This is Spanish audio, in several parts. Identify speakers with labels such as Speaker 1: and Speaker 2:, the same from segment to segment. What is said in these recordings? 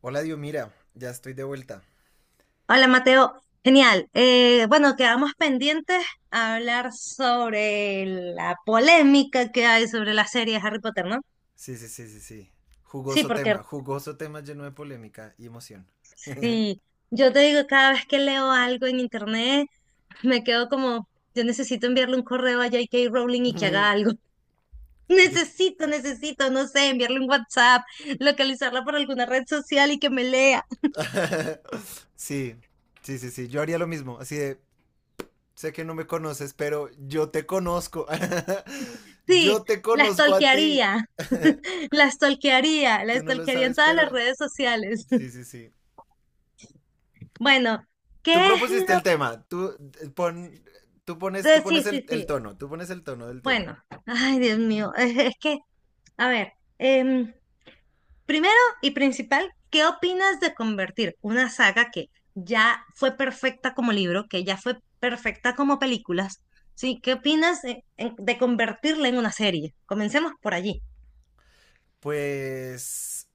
Speaker 1: Hola, Dios, mira, ya estoy de vuelta.
Speaker 2: Hola Mateo, genial. Bueno, quedamos pendientes a hablar sobre la polémica que hay sobre la serie de Harry Potter, ¿no?
Speaker 1: Sí, sí, sí, sí, sí.
Speaker 2: Sí, porque
Speaker 1: Jugoso tema lleno de polémica y emoción.
Speaker 2: si yo te digo cada vez que leo algo en internet, me quedo como, yo necesito enviarle un correo a J. K. Rowling y que haga algo.
Speaker 1: Yo... qui-
Speaker 2: Necesito, no sé, enviarle un WhatsApp, localizarla por alguna red social y que me lea.
Speaker 1: Sí, sí, sí, sí, yo haría lo mismo, así de, sé que no me conoces, pero yo te conozco.
Speaker 2: Sí,
Speaker 1: Yo te
Speaker 2: la
Speaker 1: conozco a ti.
Speaker 2: stalkearía, la stalkearía, la
Speaker 1: Tú no lo
Speaker 2: stalkearía en
Speaker 1: sabes,
Speaker 2: todas
Speaker 1: pero
Speaker 2: las redes sociales.
Speaker 1: sí, sí, sí.
Speaker 2: Bueno,
Speaker 1: Tú
Speaker 2: ¿qué es
Speaker 1: propusiste
Speaker 2: lo...?
Speaker 1: el tema, tú pon, tú
Speaker 2: Sí,
Speaker 1: pones
Speaker 2: sí,
Speaker 1: el
Speaker 2: sí.
Speaker 1: tono, tú pones el tono del tema.
Speaker 2: Bueno, ay, Dios mío. Es que, a ver, primero y principal, ¿qué opinas de convertir una saga que ya fue perfecta como libro, que ya fue perfecta como películas? ¿Sí? ¿Qué opinas de convertirla en una serie? Comencemos por allí.
Speaker 1: Pues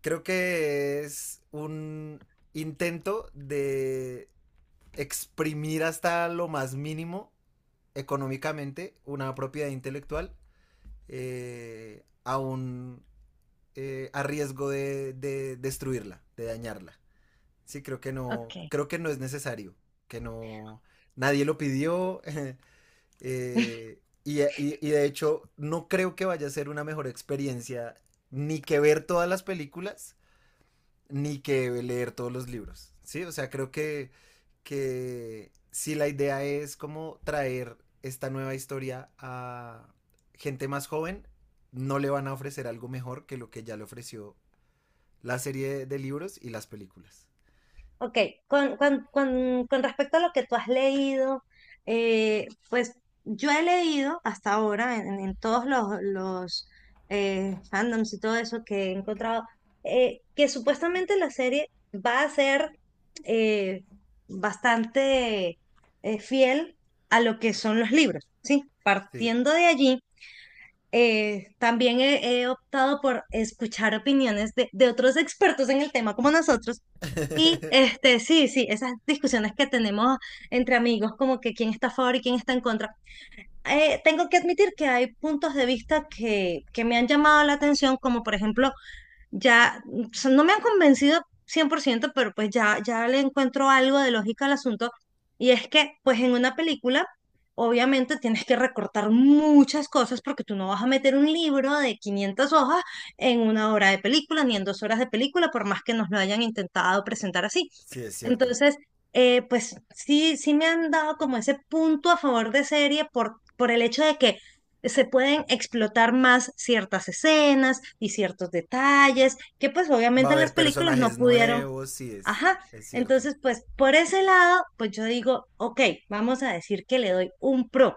Speaker 1: creo que es un intento de exprimir hasta lo más mínimo económicamente una propiedad intelectual aún a riesgo de destruirla, de dañarla. Sí,
Speaker 2: Ok.
Speaker 1: creo que no es necesario, que no, nadie lo pidió. Y de hecho no creo que vaya a ser una mejor experiencia ni que ver todas las películas, ni que leer todos los libros, ¿sí? O sea, creo que si la idea es como traer esta nueva historia a gente más joven, no le van a ofrecer algo mejor que lo que ya le ofreció la serie de libros y las películas.
Speaker 2: Ok, con respecto a lo que tú has leído, pues yo he leído hasta ahora en todos los fandoms y todo eso que he encontrado, que supuestamente la serie va a ser eh, bastante fiel a lo que son los libros, ¿sí?
Speaker 1: Sí,
Speaker 2: Partiendo de allí, también he optado por escuchar opiniones de otros expertos en el tema como nosotros. Y este, sí, sí, esas discusiones que tenemos entre amigos, como que quién está a favor y quién está en contra. Tengo que admitir que hay puntos de vista que me han llamado la atención, como por ejemplo ya, o sea, no me han convencido 100%, pero pues ya, ya le encuentro algo de lógica al asunto. Y es que, pues en una película, obviamente tienes que recortar muchas cosas porque tú no vas a meter un libro de 500 hojas en una hora de película, ni en dos horas de película, por más que nos lo hayan intentado presentar así.
Speaker 1: sí es cierto.
Speaker 2: Entonces, pues sí, sí me han dado como ese punto a favor de serie por el hecho de que se pueden explotar más ciertas escenas y ciertos detalles que pues
Speaker 1: Va a
Speaker 2: obviamente en las
Speaker 1: haber
Speaker 2: películas no
Speaker 1: personajes
Speaker 2: pudieron.
Speaker 1: nuevos, sí es,
Speaker 2: Ajá.
Speaker 1: es cierto.
Speaker 2: Entonces, pues por ese lado, pues yo digo, ok, vamos a decir que le doy un pro.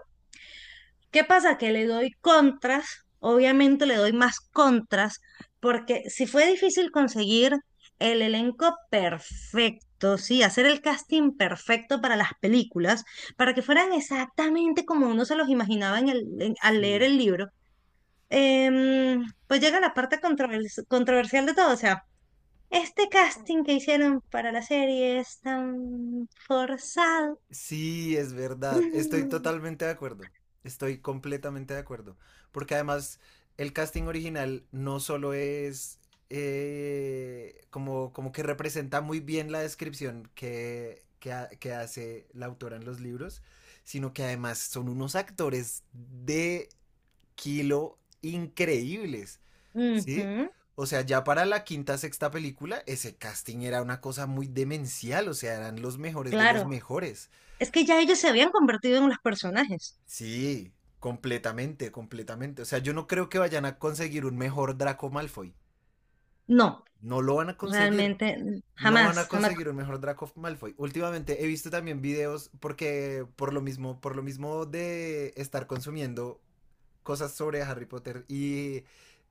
Speaker 2: ¿Qué pasa? Que le doy contras, obviamente le doy más contras, porque si fue difícil conseguir el elenco perfecto, sí, hacer el casting perfecto para las películas, para que fueran exactamente como uno se los imaginaba al leer
Speaker 1: Sí.
Speaker 2: el libro, pues llega la parte controversial de todo, o sea, este casting que hicieron para la serie es tan forzado.
Speaker 1: Sí, es verdad. Estoy totalmente de acuerdo. Estoy completamente de acuerdo. Porque además el casting original no solo es como que representa muy bien la descripción que hace la autora en los libros, sino que además son unos actores de kilo increíbles. ¿Sí?
Speaker 2: Ujú,
Speaker 1: O sea, ya para la quinta, sexta película, ese casting era una cosa muy demencial, o sea, eran los mejores de los
Speaker 2: claro.
Speaker 1: mejores.
Speaker 2: Es que ya ellos se habían convertido en los personajes.
Speaker 1: Sí, completamente, completamente. O sea, yo no creo que vayan a conseguir un mejor Draco Malfoy.
Speaker 2: No,
Speaker 1: No lo van a conseguir.
Speaker 2: realmente,
Speaker 1: No van
Speaker 2: jamás,
Speaker 1: a
Speaker 2: jamás.
Speaker 1: conseguir un mejor Draco Malfoy. Últimamente he visto también videos porque por lo mismo de estar consumiendo cosas sobre Harry Potter y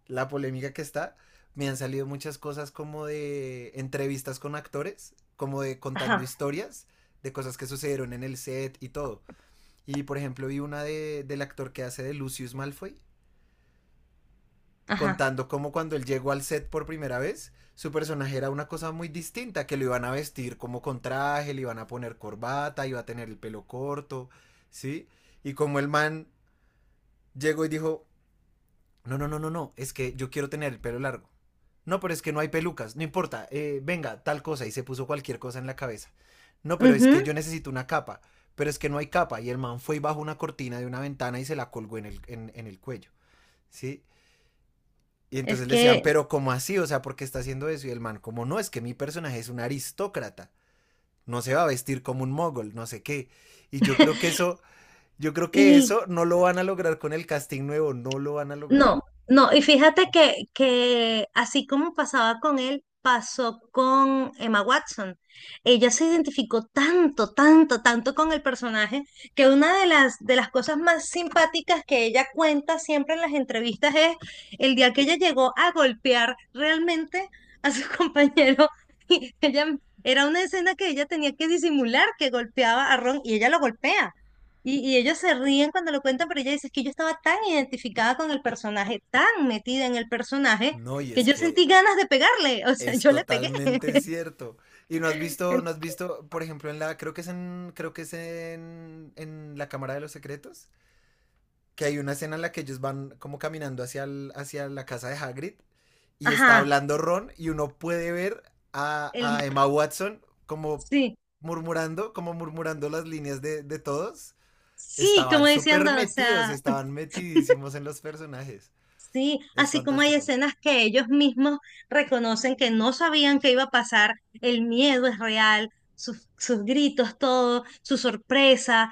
Speaker 1: la polémica que está, me han salido muchas cosas como de entrevistas con actores, como de contando
Speaker 2: Ajá,
Speaker 1: historias de cosas que sucedieron en el set y todo. Y por ejemplo, vi una del actor que hace de Lucius Malfoy,
Speaker 2: ajá.
Speaker 1: contando cómo cuando él llegó al set por primera vez, su personaje era una cosa muy distinta, que lo iban a vestir como con traje, le iban a poner corbata, iba a tener el pelo corto, ¿sí? Y como el man llegó y dijo, no, no, no, no, no, es que yo quiero tener el pelo largo. No, pero es que no hay pelucas, no importa, venga, tal cosa, y se puso cualquier cosa en la cabeza. No, pero es que
Speaker 2: Ujú.
Speaker 1: yo necesito una capa, pero es que no hay capa, y el man fue y bajó una cortina de una ventana y se la colgó en el cuello, ¿sí? Y
Speaker 2: Es
Speaker 1: entonces le decían,
Speaker 2: que,
Speaker 1: pero ¿cómo así? O sea, ¿por qué está haciendo eso? Y el man, como no, es que mi personaje es un aristócrata, no se va a vestir como un mogol, no sé qué. Y yo creo que eso, yo creo que
Speaker 2: y
Speaker 1: eso no lo van a lograr con el casting nuevo, no lo van a lograr.
Speaker 2: no, no, y fíjate que así como pasaba con él, pasó con Emma Watson. Ella se identificó tanto, tanto, tanto con el personaje que una de las cosas más simpáticas que ella cuenta siempre en las entrevistas es el día que ella llegó a golpear realmente a su compañero. Y ella, era una escena que ella tenía que disimular que golpeaba a Ron y ella lo golpea. Y ellos se ríen cuando lo cuentan, pero ella dice, es que yo estaba tan identificada con el personaje, tan metida en el personaje,
Speaker 1: No, y
Speaker 2: que
Speaker 1: es
Speaker 2: yo
Speaker 1: que
Speaker 2: sentí ganas de pegarle, o sea,
Speaker 1: es
Speaker 2: yo le pegué.
Speaker 1: totalmente cierto. Y no has visto, no has visto, por ejemplo, en la, creo que es en en la Cámara de los Secretos, que hay una escena en la que ellos van como caminando hacia la casa de Hagrid y está
Speaker 2: Ajá,
Speaker 1: hablando Ron y uno puede ver a,
Speaker 2: el,
Speaker 1: a Emma Watson como
Speaker 2: sí,
Speaker 1: murmurando, como murmurando, las líneas de todos.
Speaker 2: sí, como
Speaker 1: Estaban súper
Speaker 2: diciendo, o
Speaker 1: metidos,
Speaker 2: sea,
Speaker 1: estaban metidísimos en los personajes.
Speaker 2: sí,
Speaker 1: Es
Speaker 2: así como hay
Speaker 1: fantástico.
Speaker 2: escenas que ellos mismos reconocen que no sabían qué iba a pasar, el miedo es real, sus gritos, todo, su sorpresa.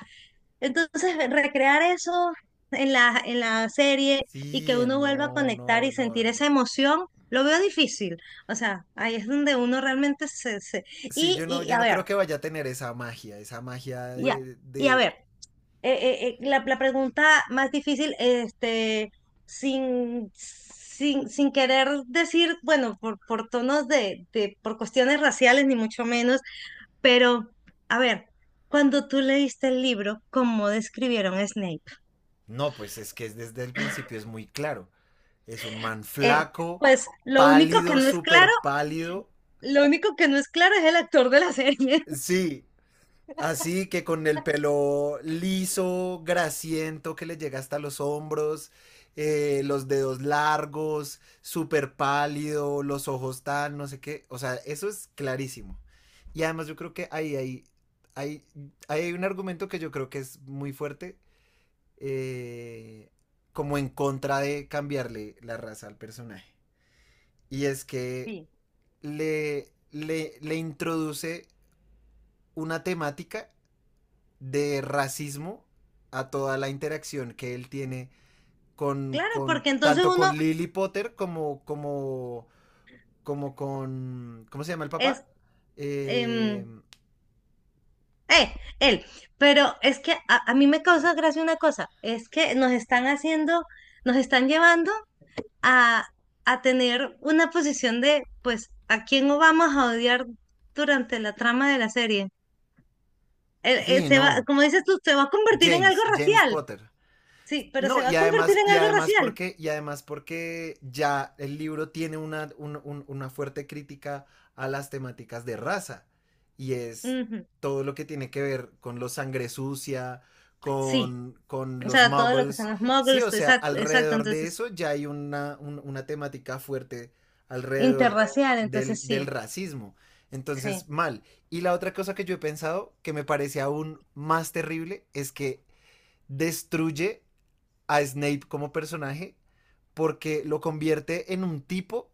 Speaker 2: Entonces, recrear eso en la serie y que
Speaker 1: Sí,
Speaker 2: uno vuelva a
Speaker 1: no,
Speaker 2: conectar
Speaker 1: no,
Speaker 2: y
Speaker 1: no.
Speaker 2: sentir esa emoción, lo veo difícil. O sea, ahí es donde uno realmente.
Speaker 1: Sí,
Speaker 2: Y,
Speaker 1: yo no,
Speaker 2: y
Speaker 1: yo
Speaker 2: a
Speaker 1: no
Speaker 2: ver,
Speaker 1: creo que vaya a tener esa magia, esa magia
Speaker 2: ya,
Speaker 1: de,
Speaker 2: y a
Speaker 1: de...
Speaker 2: ver, la pregunta más difícil, este, sin querer decir, bueno, por tonos de, por cuestiones raciales, ni mucho menos, pero, a ver, cuando tú leíste el libro, ¿cómo describieron a Snape?
Speaker 1: No, pues es que desde el principio es muy claro. Es un man
Speaker 2: Eh,
Speaker 1: flaco,
Speaker 2: pues lo único que
Speaker 1: pálido,
Speaker 2: no es
Speaker 1: súper
Speaker 2: claro,
Speaker 1: pálido.
Speaker 2: lo único que no es claro es el actor de la serie.
Speaker 1: Sí, así que con el pelo liso, grasiento, que le llega hasta los hombros, los dedos largos, súper pálido, los ojos tan, no sé qué. O sea, eso es clarísimo. Y además yo creo que ahí hay, hay un argumento que yo creo que es muy fuerte, eh, como en contra de cambiarle la raza al personaje. Y es que
Speaker 2: Sí.
Speaker 1: le introduce una temática de racismo a toda la interacción que él tiene
Speaker 2: Claro,
Speaker 1: con
Speaker 2: porque entonces
Speaker 1: tanto
Speaker 2: uno
Speaker 1: con Lily Potter como con, ¿cómo se llama el
Speaker 2: es,
Speaker 1: papá? Eh,
Speaker 2: em, eh, él. Pero es que a mí me causa gracia una cosa, es que nos están haciendo, nos están llevando a, a tener una posición de, pues, ¿a quién no vamos a odiar durante la trama de la serie? Eh, eh,
Speaker 1: sí,
Speaker 2: se va,
Speaker 1: no,
Speaker 2: como dices tú, se va a convertir en algo
Speaker 1: James
Speaker 2: racial.
Speaker 1: Potter.
Speaker 2: Sí, pero
Speaker 1: No,
Speaker 2: se va
Speaker 1: y
Speaker 2: a convertir
Speaker 1: además,
Speaker 2: en
Speaker 1: y
Speaker 2: algo
Speaker 1: además
Speaker 2: racial.
Speaker 1: porque, y además porque ya el libro tiene una fuerte crítica a las temáticas de raza. Y es
Speaker 2: Ujú.
Speaker 1: todo lo que tiene que ver con los sangre sucia,
Speaker 2: Sí.
Speaker 1: con
Speaker 2: O
Speaker 1: los
Speaker 2: sea, todo lo que
Speaker 1: muggles.
Speaker 2: son los
Speaker 1: Sí,
Speaker 2: muggles,
Speaker 1: o sea,
Speaker 2: exacto, exacto,
Speaker 1: alrededor de
Speaker 2: entonces,
Speaker 1: eso ya hay una temática fuerte alrededor
Speaker 2: interracial,
Speaker 1: del,
Speaker 2: entonces
Speaker 1: del
Speaker 2: sí,
Speaker 1: racismo.
Speaker 2: sí,
Speaker 1: Entonces, mal. Y la otra cosa que yo he pensado, que me parece aún más terrible, es que destruye a Snape como personaje porque lo convierte en un tipo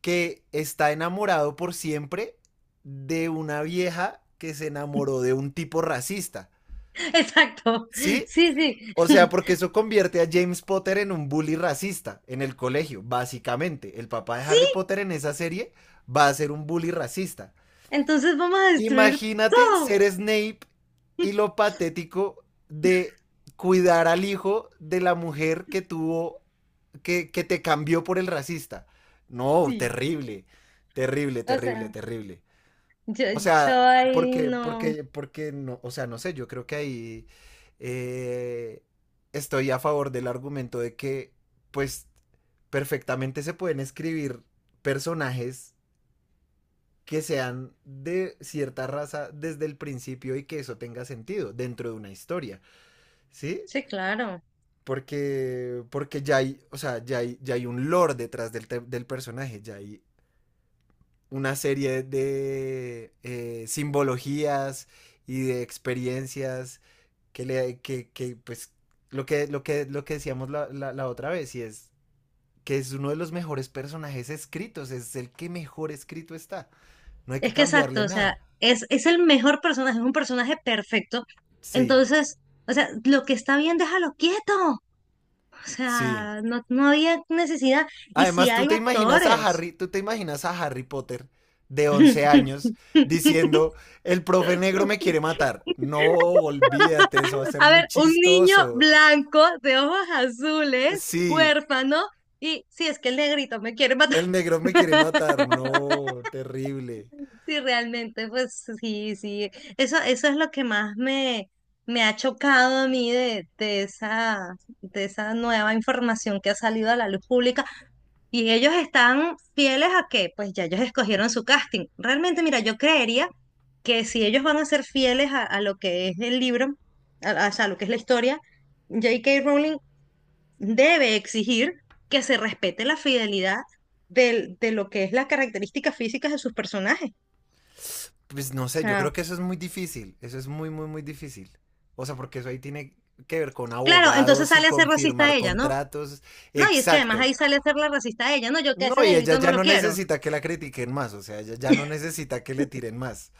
Speaker 1: que está enamorado por siempre de una vieja que se enamoró de un tipo racista.
Speaker 2: exacto,
Speaker 1: ¿Sí?
Speaker 2: sí, sí,
Speaker 1: O sea, porque eso convierte a James Potter en un bully racista en el colegio, básicamente. El papá de
Speaker 2: sí,
Speaker 1: Harry Potter en esa serie va a ser un bully racista.
Speaker 2: entonces vamos a destruir
Speaker 1: Imagínate
Speaker 2: todo.
Speaker 1: ser Snape y lo patético de cuidar al hijo de la mujer que tuvo que te cambió por el racista. No,
Speaker 2: Sí.
Speaker 1: terrible, terrible,
Speaker 2: O
Speaker 1: terrible,
Speaker 2: sea,
Speaker 1: terrible.
Speaker 2: yo,
Speaker 1: O sea,
Speaker 2: yo ahí
Speaker 1: porque,
Speaker 2: no.
Speaker 1: porque, porque no, o sea, no sé, yo creo que ahí eh, estoy a favor del argumento de que, pues, perfectamente se pueden escribir personajes que sean de cierta raza desde el principio y que eso tenga sentido dentro de una historia, ¿sí?
Speaker 2: Sí, claro.
Speaker 1: Porque ya hay, o sea, ya hay un lore detrás del personaje, ya hay una serie de simbologías y de experiencias que, pues, lo que decíamos la otra vez, y es que es uno de los mejores personajes escritos, es el que mejor escrito está, no hay que
Speaker 2: Es que
Speaker 1: cambiarle
Speaker 2: exacto, o sea,
Speaker 1: nada.
Speaker 2: es el mejor personaje, es un personaje perfecto.
Speaker 1: Sí,
Speaker 2: Entonces, o sea, lo que está bien, déjalo quieto. O
Speaker 1: sí.
Speaker 2: sea, no, no había necesidad. Y si
Speaker 1: Además,
Speaker 2: hay actores.
Speaker 1: Tú te imaginas a Harry Potter de 11 años diciendo, el profe negro me quiere matar. No, olvídate, eso va a ser
Speaker 2: A
Speaker 1: muy
Speaker 2: ver, un niño
Speaker 1: chistoso.
Speaker 2: blanco de ojos azules,
Speaker 1: Sí,
Speaker 2: huérfano, y si es que el negrito me quiere matar,
Speaker 1: el negro me quiere matar. No, terrible.
Speaker 2: sí realmente, pues sí, sí, eso es lo que más me ha chocado a mí de esa nueva información que ha salido a la luz pública. Y ellos están fieles a que, pues ya ellos escogieron su casting. Realmente, mira, yo creería que si ellos van a ser fieles a lo que es el libro, o sea, a lo que es la historia, J K Rowling debe exigir que se respete la fidelidad de lo que es las características físicas de sus personajes.
Speaker 1: Pues no
Speaker 2: O
Speaker 1: sé, yo creo
Speaker 2: sea,
Speaker 1: que eso es muy difícil. Eso es muy, muy, muy difícil. O sea, porque eso ahí tiene que ver con
Speaker 2: claro, entonces
Speaker 1: abogados y
Speaker 2: sale a ser
Speaker 1: con
Speaker 2: racista a
Speaker 1: firmar
Speaker 2: ella, ¿no?
Speaker 1: contratos.
Speaker 2: No, y es que además
Speaker 1: Exacto.
Speaker 2: ahí sale a ser la racista a ella, ¿no? Yo que a
Speaker 1: No,
Speaker 2: ese
Speaker 1: y ella
Speaker 2: negrito no
Speaker 1: ya
Speaker 2: lo
Speaker 1: no
Speaker 2: quiero.
Speaker 1: necesita que la critiquen más, o sea, ella ya no necesita que le tiren más.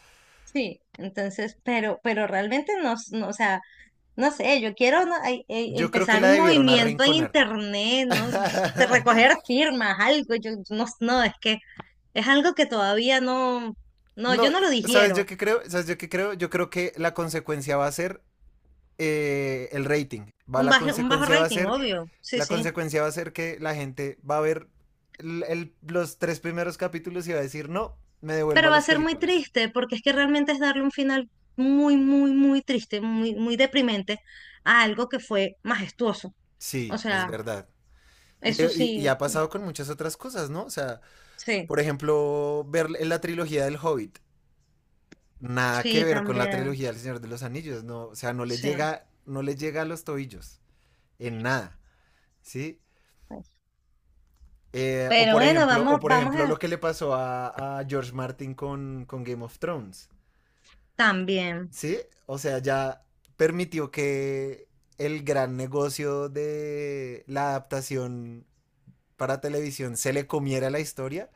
Speaker 2: Sí, entonces, pero realmente no, no, o sea, no sé, yo quiero, ¿no? Ay,
Speaker 1: Yo creo que
Speaker 2: empezar
Speaker 1: la
Speaker 2: un
Speaker 1: debieron
Speaker 2: movimiento en
Speaker 1: arrinconar.
Speaker 2: internet, ¿no? De recoger firmas, algo, yo no, no, es que es algo que todavía no, no,
Speaker 1: No,
Speaker 2: yo no lo
Speaker 1: ¿sabes yo
Speaker 2: digiero.
Speaker 1: qué creo? ¿Sabes yo qué creo? Yo creo que la consecuencia va a ser el rating.
Speaker 2: Un
Speaker 1: La
Speaker 2: bajo, un bajo
Speaker 1: consecuencia va a
Speaker 2: rating,
Speaker 1: ser.
Speaker 2: obvio. Sí,
Speaker 1: La
Speaker 2: sí.
Speaker 1: consecuencia va a ser que la gente va a ver los tres primeros capítulos y va a decir, no, me devuelvo
Speaker 2: Pero
Speaker 1: a
Speaker 2: va a
Speaker 1: las
Speaker 2: ser muy
Speaker 1: películas.
Speaker 2: triste porque es que realmente es darle un final muy, muy, muy triste, muy, muy deprimente a algo que fue majestuoso. O
Speaker 1: Sí, es
Speaker 2: sea,
Speaker 1: verdad. Y,
Speaker 2: eso
Speaker 1: y- y
Speaker 2: sí,
Speaker 1: ha pasado con muchas otras cosas, ¿no? O sea,
Speaker 2: sí,
Speaker 1: por ejemplo, ver la trilogía del Hobbit. Nada que
Speaker 2: sí,
Speaker 1: ver con la
Speaker 2: también,
Speaker 1: trilogía del Señor de los Anillos, no, o sea, no le
Speaker 2: sí.
Speaker 1: llega, no le llega a los tobillos en nada, ¿sí? Eh, o
Speaker 2: Pero
Speaker 1: por
Speaker 2: bueno,
Speaker 1: ejemplo, o
Speaker 2: vamos,
Speaker 1: por
Speaker 2: vamos
Speaker 1: ejemplo
Speaker 2: a
Speaker 1: lo que le pasó a George Martin con Game of Thrones,
Speaker 2: también.
Speaker 1: ¿sí? O sea, ya permitió que el gran negocio de la adaptación para televisión se le comiera la historia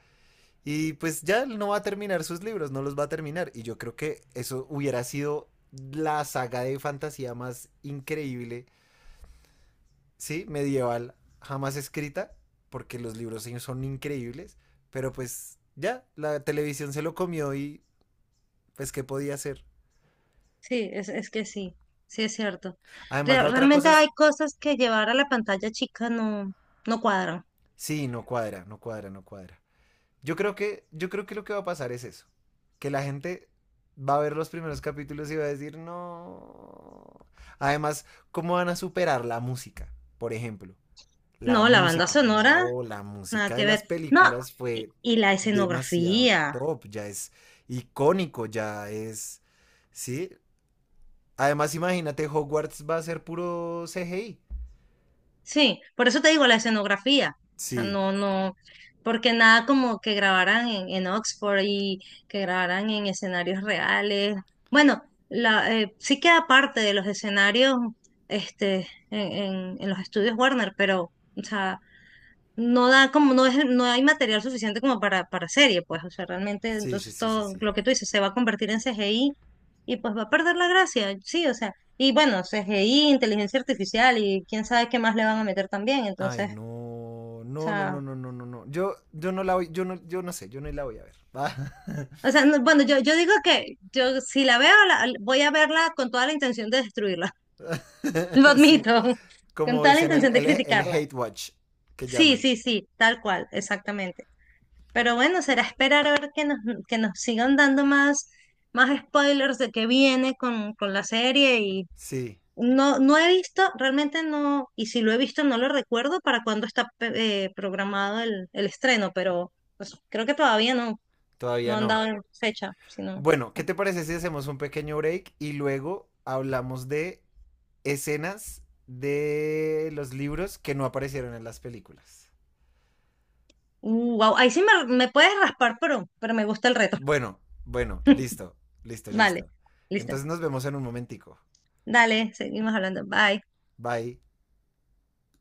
Speaker 1: Y pues ya él no va a terminar sus libros, no los va a terminar. Y yo creo que eso hubiera sido la saga de fantasía más increíble, ¿sí? Medieval, jamás escrita, porque los libros sí son increíbles. Pero pues ya, la televisión se lo comió y pues, ¿qué podía hacer?
Speaker 2: Sí, es que sí, sí es cierto.
Speaker 1: Además, la
Speaker 2: Re-
Speaker 1: otra
Speaker 2: realmente
Speaker 1: cosa es,
Speaker 2: hay cosas que llevar a la pantalla chica no, no cuadran.
Speaker 1: sí, no cuadra, no cuadra, no cuadra. Yo creo que lo que va a pasar es eso. Que la gente va a ver los primeros capítulos y va a decir, no. Además, ¿cómo van a superar la música? Por ejemplo, la
Speaker 2: No, la banda
Speaker 1: música.
Speaker 2: sonora,
Speaker 1: No, la
Speaker 2: nada
Speaker 1: música de
Speaker 2: que
Speaker 1: las
Speaker 2: ver. No,
Speaker 1: películas
Speaker 2: y,
Speaker 1: fue
Speaker 2: y la
Speaker 1: demasiado
Speaker 2: escenografía.
Speaker 1: top, ya es icónico, ya es. Sí. Además, imagínate, Hogwarts va a ser puro CGI.
Speaker 2: Sí, por eso te digo la escenografía. O sea,
Speaker 1: Sí,
Speaker 2: no, no, porque nada como que grabaran en Oxford y que grabaran en escenarios reales. Bueno, sí queda parte de los escenarios este, en los estudios Warner, pero, o sea, no da como, no es, no hay material suficiente como para serie, pues, o sea, realmente,
Speaker 1: sí, sí,
Speaker 2: entonces
Speaker 1: sí, sí,
Speaker 2: todo
Speaker 1: sí.
Speaker 2: lo que tú dices se va a convertir en CGI y pues va a perder la gracia, sí, o sea, y bueno, CGI, inteligencia artificial y quién sabe qué más le van a meter también,
Speaker 1: Ay,
Speaker 2: entonces, o
Speaker 1: no, no, no, no,
Speaker 2: sea,
Speaker 1: no, no, no, no. Yo no la voy, yo no, yo no sé, yo no la voy a ver. ¿Va?
Speaker 2: bueno, yo digo que yo si la veo, voy a verla con toda la intención de destruirla, lo
Speaker 1: sí,
Speaker 2: admito, con
Speaker 1: como
Speaker 2: toda la
Speaker 1: dicen el,
Speaker 2: intención de
Speaker 1: el
Speaker 2: criticarla.
Speaker 1: hate watch que
Speaker 2: Sí,
Speaker 1: llaman.
Speaker 2: sí, sí, tal cual, exactamente. Pero bueno, será esperar a ver que nos sigan dando más spoilers de qué viene con la serie. Y
Speaker 1: Sí,
Speaker 2: no, no he visto, realmente no, y si lo he visto no lo recuerdo para cuándo está programado el estreno, pero pues, creo que todavía no,
Speaker 1: todavía
Speaker 2: no han
Speaker 1: no.
Speaker 2: dado fecha, sino.
Speaker 1: Bueno, ¿qué te parece si hacemos un pequeño break y luego hablamos de escenas de los libros que no aparecieron en las películas?
Speaker 2: Wow, ahí sí me puedes raspar, pero me gusta el reto.
Speaker 1: Bueno, bueno, listo, listo,
Speaker 2: Vale,
Speaker 1: listo.
Speaker 2: listo.
Speaker 1: Entonces nos vemos en un momentico.
Speaker 2: Dale, seguimos hablando. Bye.
Speaker 1: Bye.